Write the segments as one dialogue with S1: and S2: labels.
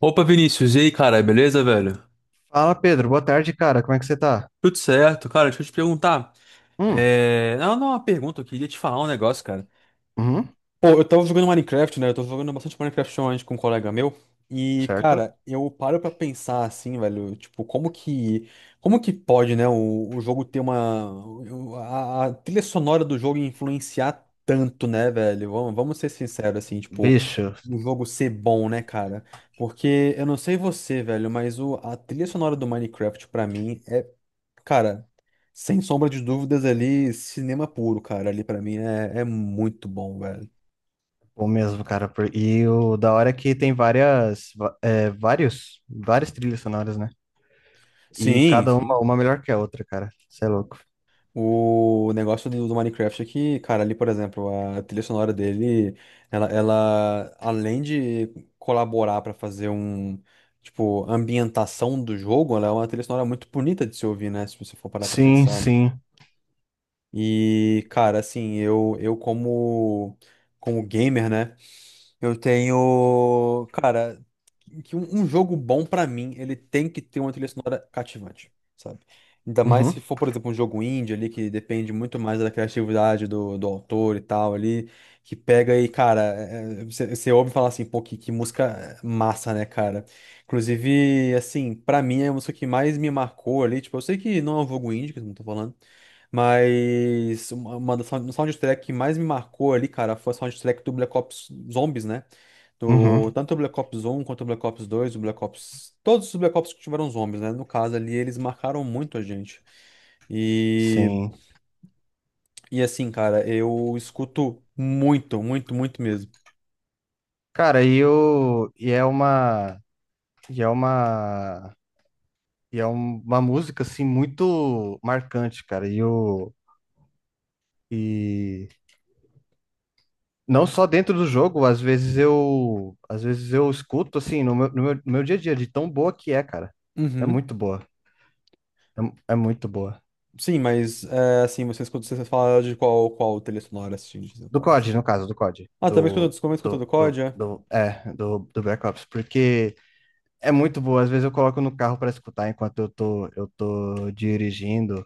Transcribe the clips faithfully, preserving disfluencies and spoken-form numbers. S1: Opa, Vinícius, e aí, cara, beleza, velho?
S2: Fala, Pedro. Boa tarde, cara. Como é que você tá?
S1: Tudo certo, cara, deixa eu te perguntar.
S2: Hum.
S1: É... Não, não, uma pergunta, eu queria te falar um negócio, cara.
S2: Uhum.
S1: Pô, eu tava jogando Minecraft, né? Eu tô jogando bastante Minecraft online com um colega meu. E,
S2: Certo.
S1: cara, eu paro pra pensar assim, velho, tipo, como que, como que pode, né, o, o jogo ter uma, o- a, a trilha sonora do jogo influenciar tanto, né, velho? Vamos, vamos ser sinceros, assim, tipo,
S2: Bicho,
S1: o jogo ser bom, né, cara? Porque eu não sei você, velho, mas o, a trilha sonora do Minecraft, pra mim, é, cara, sem sombra de dúvidas ali, cinema puro, cara, ali pra mim é, é muito bom, velho.
S2: bom mesmo, cara. por- E o da hora é que tem várias, va- é, vários, várias trilhas sonoras, né? E
S1: Sim,
S2: cada
S1: sim.
S2: uma, uma melhor que a outra, cara. Você é louco.
S1: O negócio do, do Minecraft é que, cara, ali, por exemplo, a trilha sonora dele, ela, ela além de colaborar pra fazer um, tipo, ambientação do jogo, ela é uma trilha sonora muito bonita de se ouvir, né? Se você for parar pra
S2: Sim,
S1: pensar.
S2: sim.
S1: E, cara, assim, eu, eu como, como gamer, né? Eu tenho, cara, que um um jogo bom pra mim, ele tem que ter uma trilha sonora cativante, sabe? Ainda mais se
S2: Uhum,
S1: for, por exemplo, um jogo indie ali que depende muito mais da criatividade do, do autor e tal ali, que pega e, cara, é- é, você você ouve falar assim, pô, que, que música massa, né, cara? Inclusive, assim, pra mim é a música que mais me marcou ali, tipo, eu sei que não é um jogo indie, que eu não tô falando, mas uma, uma das sound- soundtrack que mais me marcou ali, cara, foi a soundtrack do Black Ops Zombies, né? Do,
S2: uhum,
S1: tanto o Black Ops um quanto o Black Ops dois o Black Ops. Todos os Black Ops que tiveram zombies, né? No caso ali, eles marcaram muito a gente. E,
S2: sim.
S1: e assim, cara, eu escuto muito, muito, muito mesmo.
S2: Cara, e o, e é uma, e é uma, e é um- uma música, assim, muito marcante, cara. E o, Não só dentro do jogo, às vezes eu, às vezes eu escuto assim no meu, no meu, no meu dia a dia de tão boa que é, cara. É
S1: Uhum.
S2: muito boa. É, mu- é muito boa.
S1: Sim, mas é, assim, você escuta, você fala de qual, qual trilha sonora assistindo, você
S2: Do
S1: fala assim.
S2: C O D, no caso, do C O D.
S1: Ah, também escuta,
S2: Do,
S1: desculpa, escuta do
S2: do,
S1: C O D,
S2: do,
S1: é?
S2: do, é, do, do Black Ops, porque é muito boa. Às vezes eu coloco no carro para escutar enquanto eu tô, eu tô dirigindo.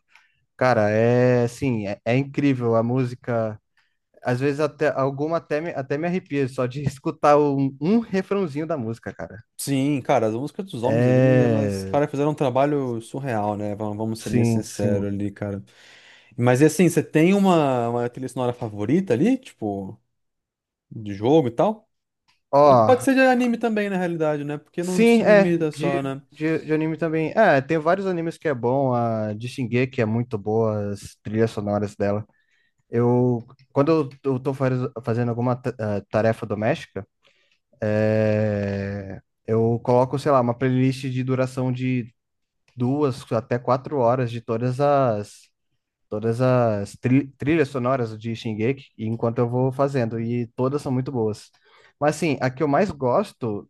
S2: Cara, é assim, é, é incrível a música. Às vezes até alguma até me, até me arrepia só de escutar um, um refrãozinho da música, cara.
S1: Sim, cara, as músicas dos homens ali, elas,
S2: É.
S1: cara, fizeram um trabalho surreal, né? Vamos vamos ser bem
S2: Sim,
S1: sinceros
S2: sim.
S1: ali, cara. Mas e assim, você tem uma, uma trilha sonora favorita ali? Tipo. De jogo e tal. Ou
S2: Ó,
S1: pode ser de anime também, na realidade, né? Porque não
S2: sim,
S1: se
S2: é,
S1: limita
S2: de,
S1: só, né?
S2: de, de anime também. É, tem vários animes que é bom, a de Shingeki é muito boa, as trilhas sonoras dela. Eu, Quando eu, eu tô faz- fazendo alguma ta- eh, tarefa doméstica, é, eu coloco, sei lá, uma playlist de duração de duas até quatro horas de todas as, todas as tri- trilhas sonoras de Shingeki, enquanto eu vou fazendo, e todas são muito boas. Mas assim, a que eu mais gosto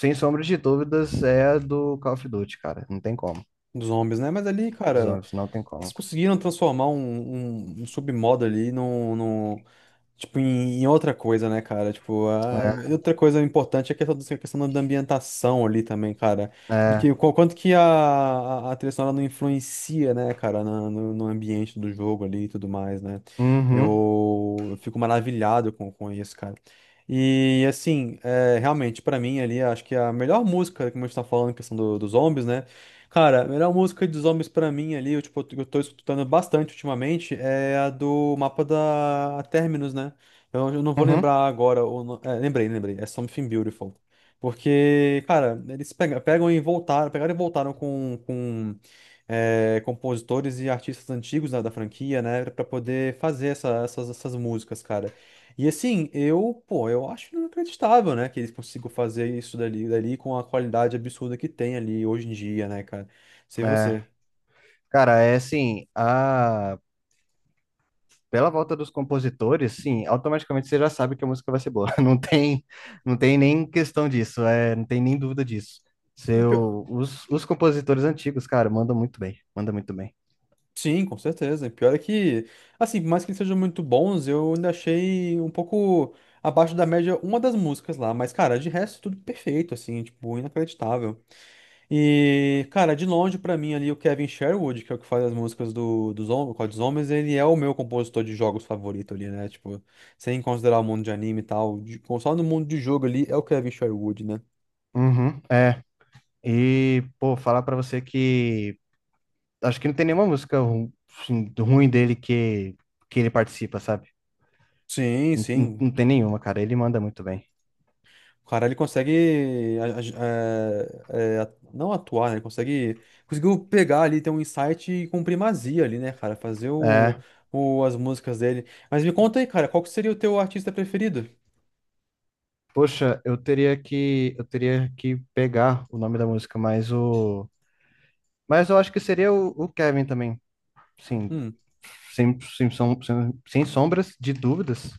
S2: sem sombra de dúvidas, é a do Call of Duty, cara. Não tem como.
S1: Dos zombies, né? Mas ali,
S2: Dos
S1: cara,
S2: zombies, não tem como.
S1: eles conseguiram transformar um, um, um submodo ali num, num, tipo, em, em outra coisa, né, cara? Tipo, a, outra coisa importante é a questão, do- a questão da ambientação ali também, cara.
S2: É,
S1: De
S2: é,
S1: que, qu- quanto que a, a, a trilha sonora não influencia, né, cara, na- no, no ambiente do jogo ali e tudo mais, né?
S2: uhum,
S1: Eu, eu fico maravilhado com, com isso, cara. E, assim, é, realmente, pra mim ali, acho que a melhor música, como a gente tá falando, questão do, dos zombies, né? Cara, a melhor música dos homens pra mim ali, eu, tipo, eu tô escutando bastante ultimamente, é a do mapa da Terminus, né? Eu, eu não vou
S2: uhum,
S1: lembrar agora, o no- é, lembrei, lembrei, é Something Beautiful. Porque, cara, eles pega- pegam e voltaram, pegaram e voltaram com, com é, compositores e artistas antigos, né, da franquia, né, pra poder fazer essa- essas, essas músicas, cara. E assim, eu, pô, eu acho inacreditável, né, que eles consigam fazer isso dali, dali com a qualidade absurda que tem ali hoje em dia, né, cara? Sei
S2: é.
S1: você.
S2: Cara, é assim, a... pela volta dos compositores, sim, automaticamente você já sabe que a música vai ser boa. Não tem, não tem nem questão disso, é, não tem nem dúvida disso.
S1: O pio-
S2: Seu, os, os, compositores antigos, cara, mandam muito bem, mandam muito bem.
S1: Sim, com certeza. O pior é que, assim, por mais que eles sejam muito bons, eu ainda achei um pouco abaixo da média uma das músicas lá, mas, cara, de resto, tudo perfeito, assim, tipo, inacreditável. E, cara, de longe pra mim ali o Kevin Sherwood, que é o que faz as músicas do, dos Hom- Code Zombies, ele é o meu compositor de jogos favorito ali, né? Tipo, sem considerar o mundo de anime e tal, de, só no mundo de jogo ali é o Kevin Sherwood, né?
S2: Uhum, é. E, pô, falar pra você que acho que não tem nenhuma música ru- assim, ruim dele que, que ele participa, sabe?
S1: Sim,
S2: Não, não-
S1: sim.
S2: não tem nenhuma, cara. Ele manda muito bem.
S1: O cara, ele consegue a- a- é, é, a- não atuar, né? Ele consegue, conseguiu pegar ali, ter um insight com primazia ali, né, cara? Fazer o,
S2: É.
S1: o- as músicas dele. Mas me conta aí, cara, qual que seria o teu artista preferido?
S2: Poxa, eu teria que eu teria que pegar o nome da música, mas o mas eu acho que seria o, o Kevin também. Sim,
S1: Hum.
S2: sem, sem, som- sem, sem sombras de dúvidas.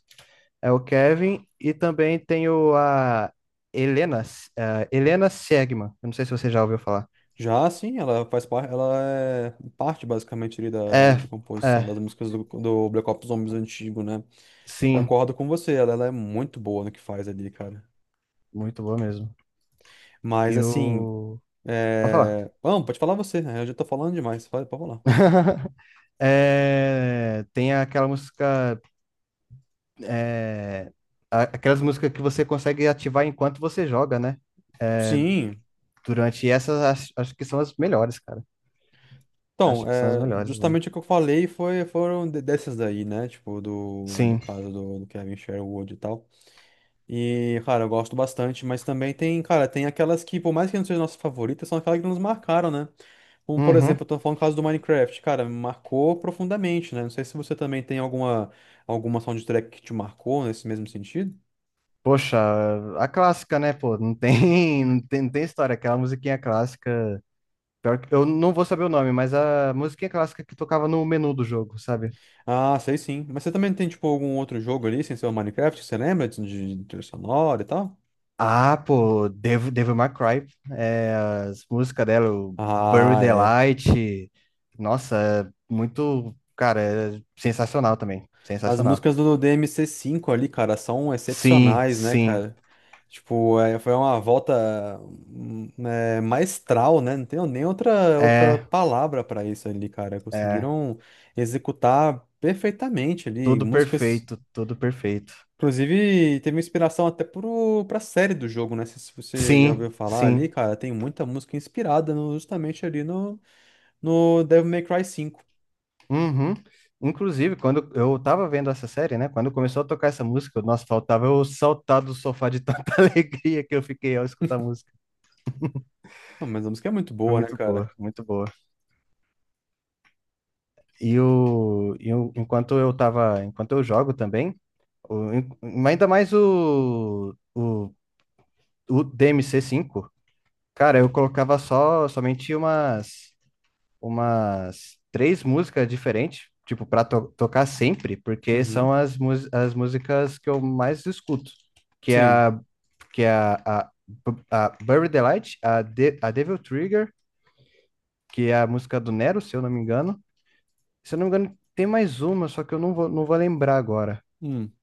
S2: É o Kevin e também tem o a Helena, eh, Helena Segman. Eu não sei se você já ouviu falar.
S1: Já sim, ela faz parte, ela é parte basicamente ali da,
S2: É,
S1: da composição
S2: é,
S1: das músicas do, do Black Ops Zombies antigo, né?
S2: sim,
S1: Concordo com você, ela, ela é muito boa no que faz ali, cara.
S2: muito boa mesmo. E
S1: Mas assim,
S2: o Pode falar.
S1: é... não, pode falar você, né? Eu já tô falando demais, pode, pode falar.
S2: É, tem aquela música, a- aquelas músicas que você consegue ativar enquanto você joga, né?
S1: Sim,
S2: Durante essas, acho, acho que são as melhores, cara.
S1: então,
S2: Acho que são as
S1: é,
S2: melhores, né?
S1: justamente o que eu falei foi, foram de- dessas daí, né? Tipo, do, do
S2: Sim.
S1: caso do, do Kevin Sherwood e tal. E, cara, eu gosto bastante, mas também tem, cara, tem aquelas que, por mais que não sejam nossas favoritas, são aquelas que nos marcaram, né? Como, por exemplo, eu
S2: Uhum.
S1: tô falando o caso do Minecraft, cara, me marcou profundamente, né? Não sei se você também tem alguma, alguma soundtrack que te marcou nesse mesmo sentido.
S2: Poxa, a clássica, né, pô? Não tem, não tem, não tem história. Aquela musiquinha clássica. Pior que, eu não vou saber o nome, mas a musiquinha clássica que tocava no menu do jogo, sabe?
S1: Ah, sei sim. Mas você também tem, tipo, algum outro jogo ali, sem ser o Minecraft, que você lembra de, de trilha sonora e tal?
S2: Ah, pô, Devil, Devil May Cry, é, as músicas dela, o Buried
S1: Ah,
S2: the
S1: é.
S2: Light, nossa, é muito, cara, é sensacional também,
S1: As
S2: sensacional.
S1: músicas do dmc cinco ali, cara, são
S2: Sim,
S1: excepcionais, né,
S2: sim,
S1: cara? Tipo, é, foi uma volta hum, é, maestral, né? Não tenho nem outra, outra
S2: é,
S1: palavra pra isso ali, cara.
S2: é,
S1: Conseguiram executar perfeitamente ali.
S2: tudo
S1: Músicas,
S2: perfeito, tudo perfeito.
S1: inclusive, teve inspiração até pro, pra série do jogo, né? Se se você já
S2: Sim,
S1: ouviu falar ali,
S2: sim,
S1: cara, tem muita música inspirada no- justamente ali no, no Devil May Cry cinco.
S2: uhum. Inclusive, quando eu tava vendo essa série, né, quando começou a tocar essa música, nossa, faltava eu saltar do sofá de tanta alegria que eu fiquei ao escutar a música.
S1: Ah, mas a música é muito
S2: Foi
S1: boa, né,
S2: muito
S1: cara?
S2: boa, muito boa. E o, e o- enquanto eu tava, enquanto eu jogo também, o- en- ainda mais o, o, o D M C cinco, cara, eu colocava só somente umas umas três músicas diferentes, tipo para tocar sempre, porque
S1: Uhum.
S2: são as, mus- as músicas que eu mais escuto, que é
S1: Sim.
S2: a que é a a, a Bury the Light, a, De- a Devil Trigger, que é a música do Nero, se eu não me engano. Se eu não me engano, tem mais uma, só que eu não vou, não vou lembrar agora.
S1: Hum.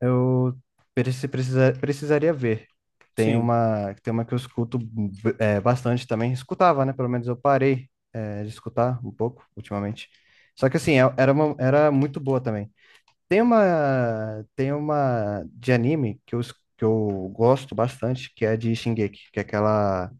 S2: Eu preci- precisa- precisaria ver. Tem
S1: Sim.
S2: uma, tem uma que eu escuto, é, bastante também. Escutava, né? Pelo menos eu parei, é, de escutar um pouco ultimamente. Só que assim, é- era, uma- era muito boa também. Tem uma, tem uma de anime que eu, es- que eu gosto bastante, que é de Shingeki, que é aquela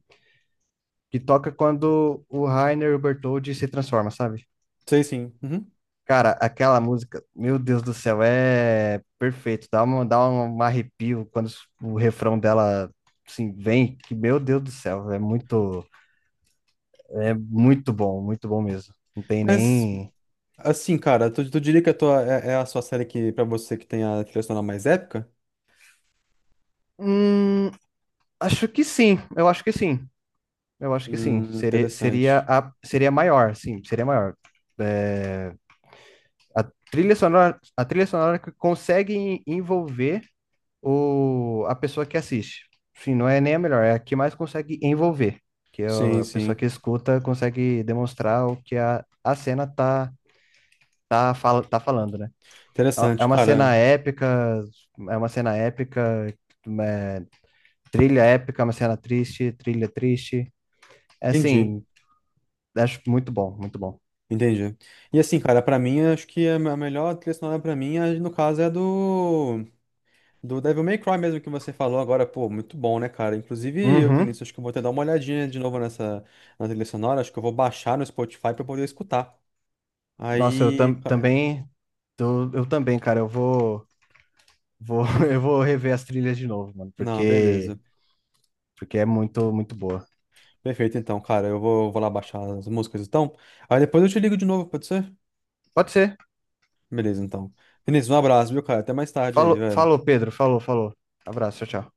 S2: que toca quando o Reiner e o Bertholdt se transformam, sabe?
S1: Sei sim. Uhum.
S2: Cara, aquela música, meu Deus do céu, é perfeito. Dá uma, dá um um arrepio quando o refrão dela, assim, vem, que meu Deus do céu, é muito, é muito bom, muito bom mesmo. Não tem
S1: Mas,
S2: nem.
S1: assim, cara, tu, tu diria que a tua, é, é a sua série que, pra você que tem a trilha sonora mais épica?
S2: Hum, acho que sim, eu acho que sim. Eu acho que sim.
S1: Hum,
S2: Seria, seria,
S1: interessante.
S2: a, seria maior, sim, seria maior. A trilha sonora, a trilha sonora que consegue envolver o, a pessoa que assiste. Sim, não é nem a melhor, é a que mais consegue envolver, que é
S1: Sim,
S2: a pessoa que
S1: sim.
S2: escuta consegue demonstrar o que a, a cena tá, tá, fala, tá falando, né? É
S1: Interessante,
S2: uma
S1: cara.
S2: cena épica, é uma cena épica, é, trilha épica, uma cena triste, trilha triste. É
S1: Entendi.
S2: assim, acho muito bom, muito bom.
S1: Entendi. E assim, cara, pra mim, acho que a me- a melhor trilha sonora pra mim, é, no caso, é a do, do Devil May Cry mesmo que você falou agora. Pô, muito bom, né, cara? Inclusive, eu,
S2: Uhum.
S1: Vinícius, acho que eu vou até dar uma olhadinha de novo nessa na trilha sonora. Acho que eu vou baixar no Spotify pra poder escutar.
S2: Nossa, eu
S1: Aí,
S2: tam,
S1: ca-
S2: também, eu, eu também, cara, eu vou, vou, eu vou rever as trilhas de novo, mano,
S1: não,
S2: porque,
S1: beleza.
S2: porque é muito, muito boa.
S1: Perfeito, então, cara. Eu vou, eu vou lá baixar as músicas, então. Aí depois eu te ligo de novo, pode ser?
S2: Pode ser.
S1: Beleza, então. Vinícius, um abraço, viu, cara? Até mais tarde aí,
S2: Falou,
S1: velho.
S2: falou, Pedro. Falou, falou. Abraço, tchau, tchau.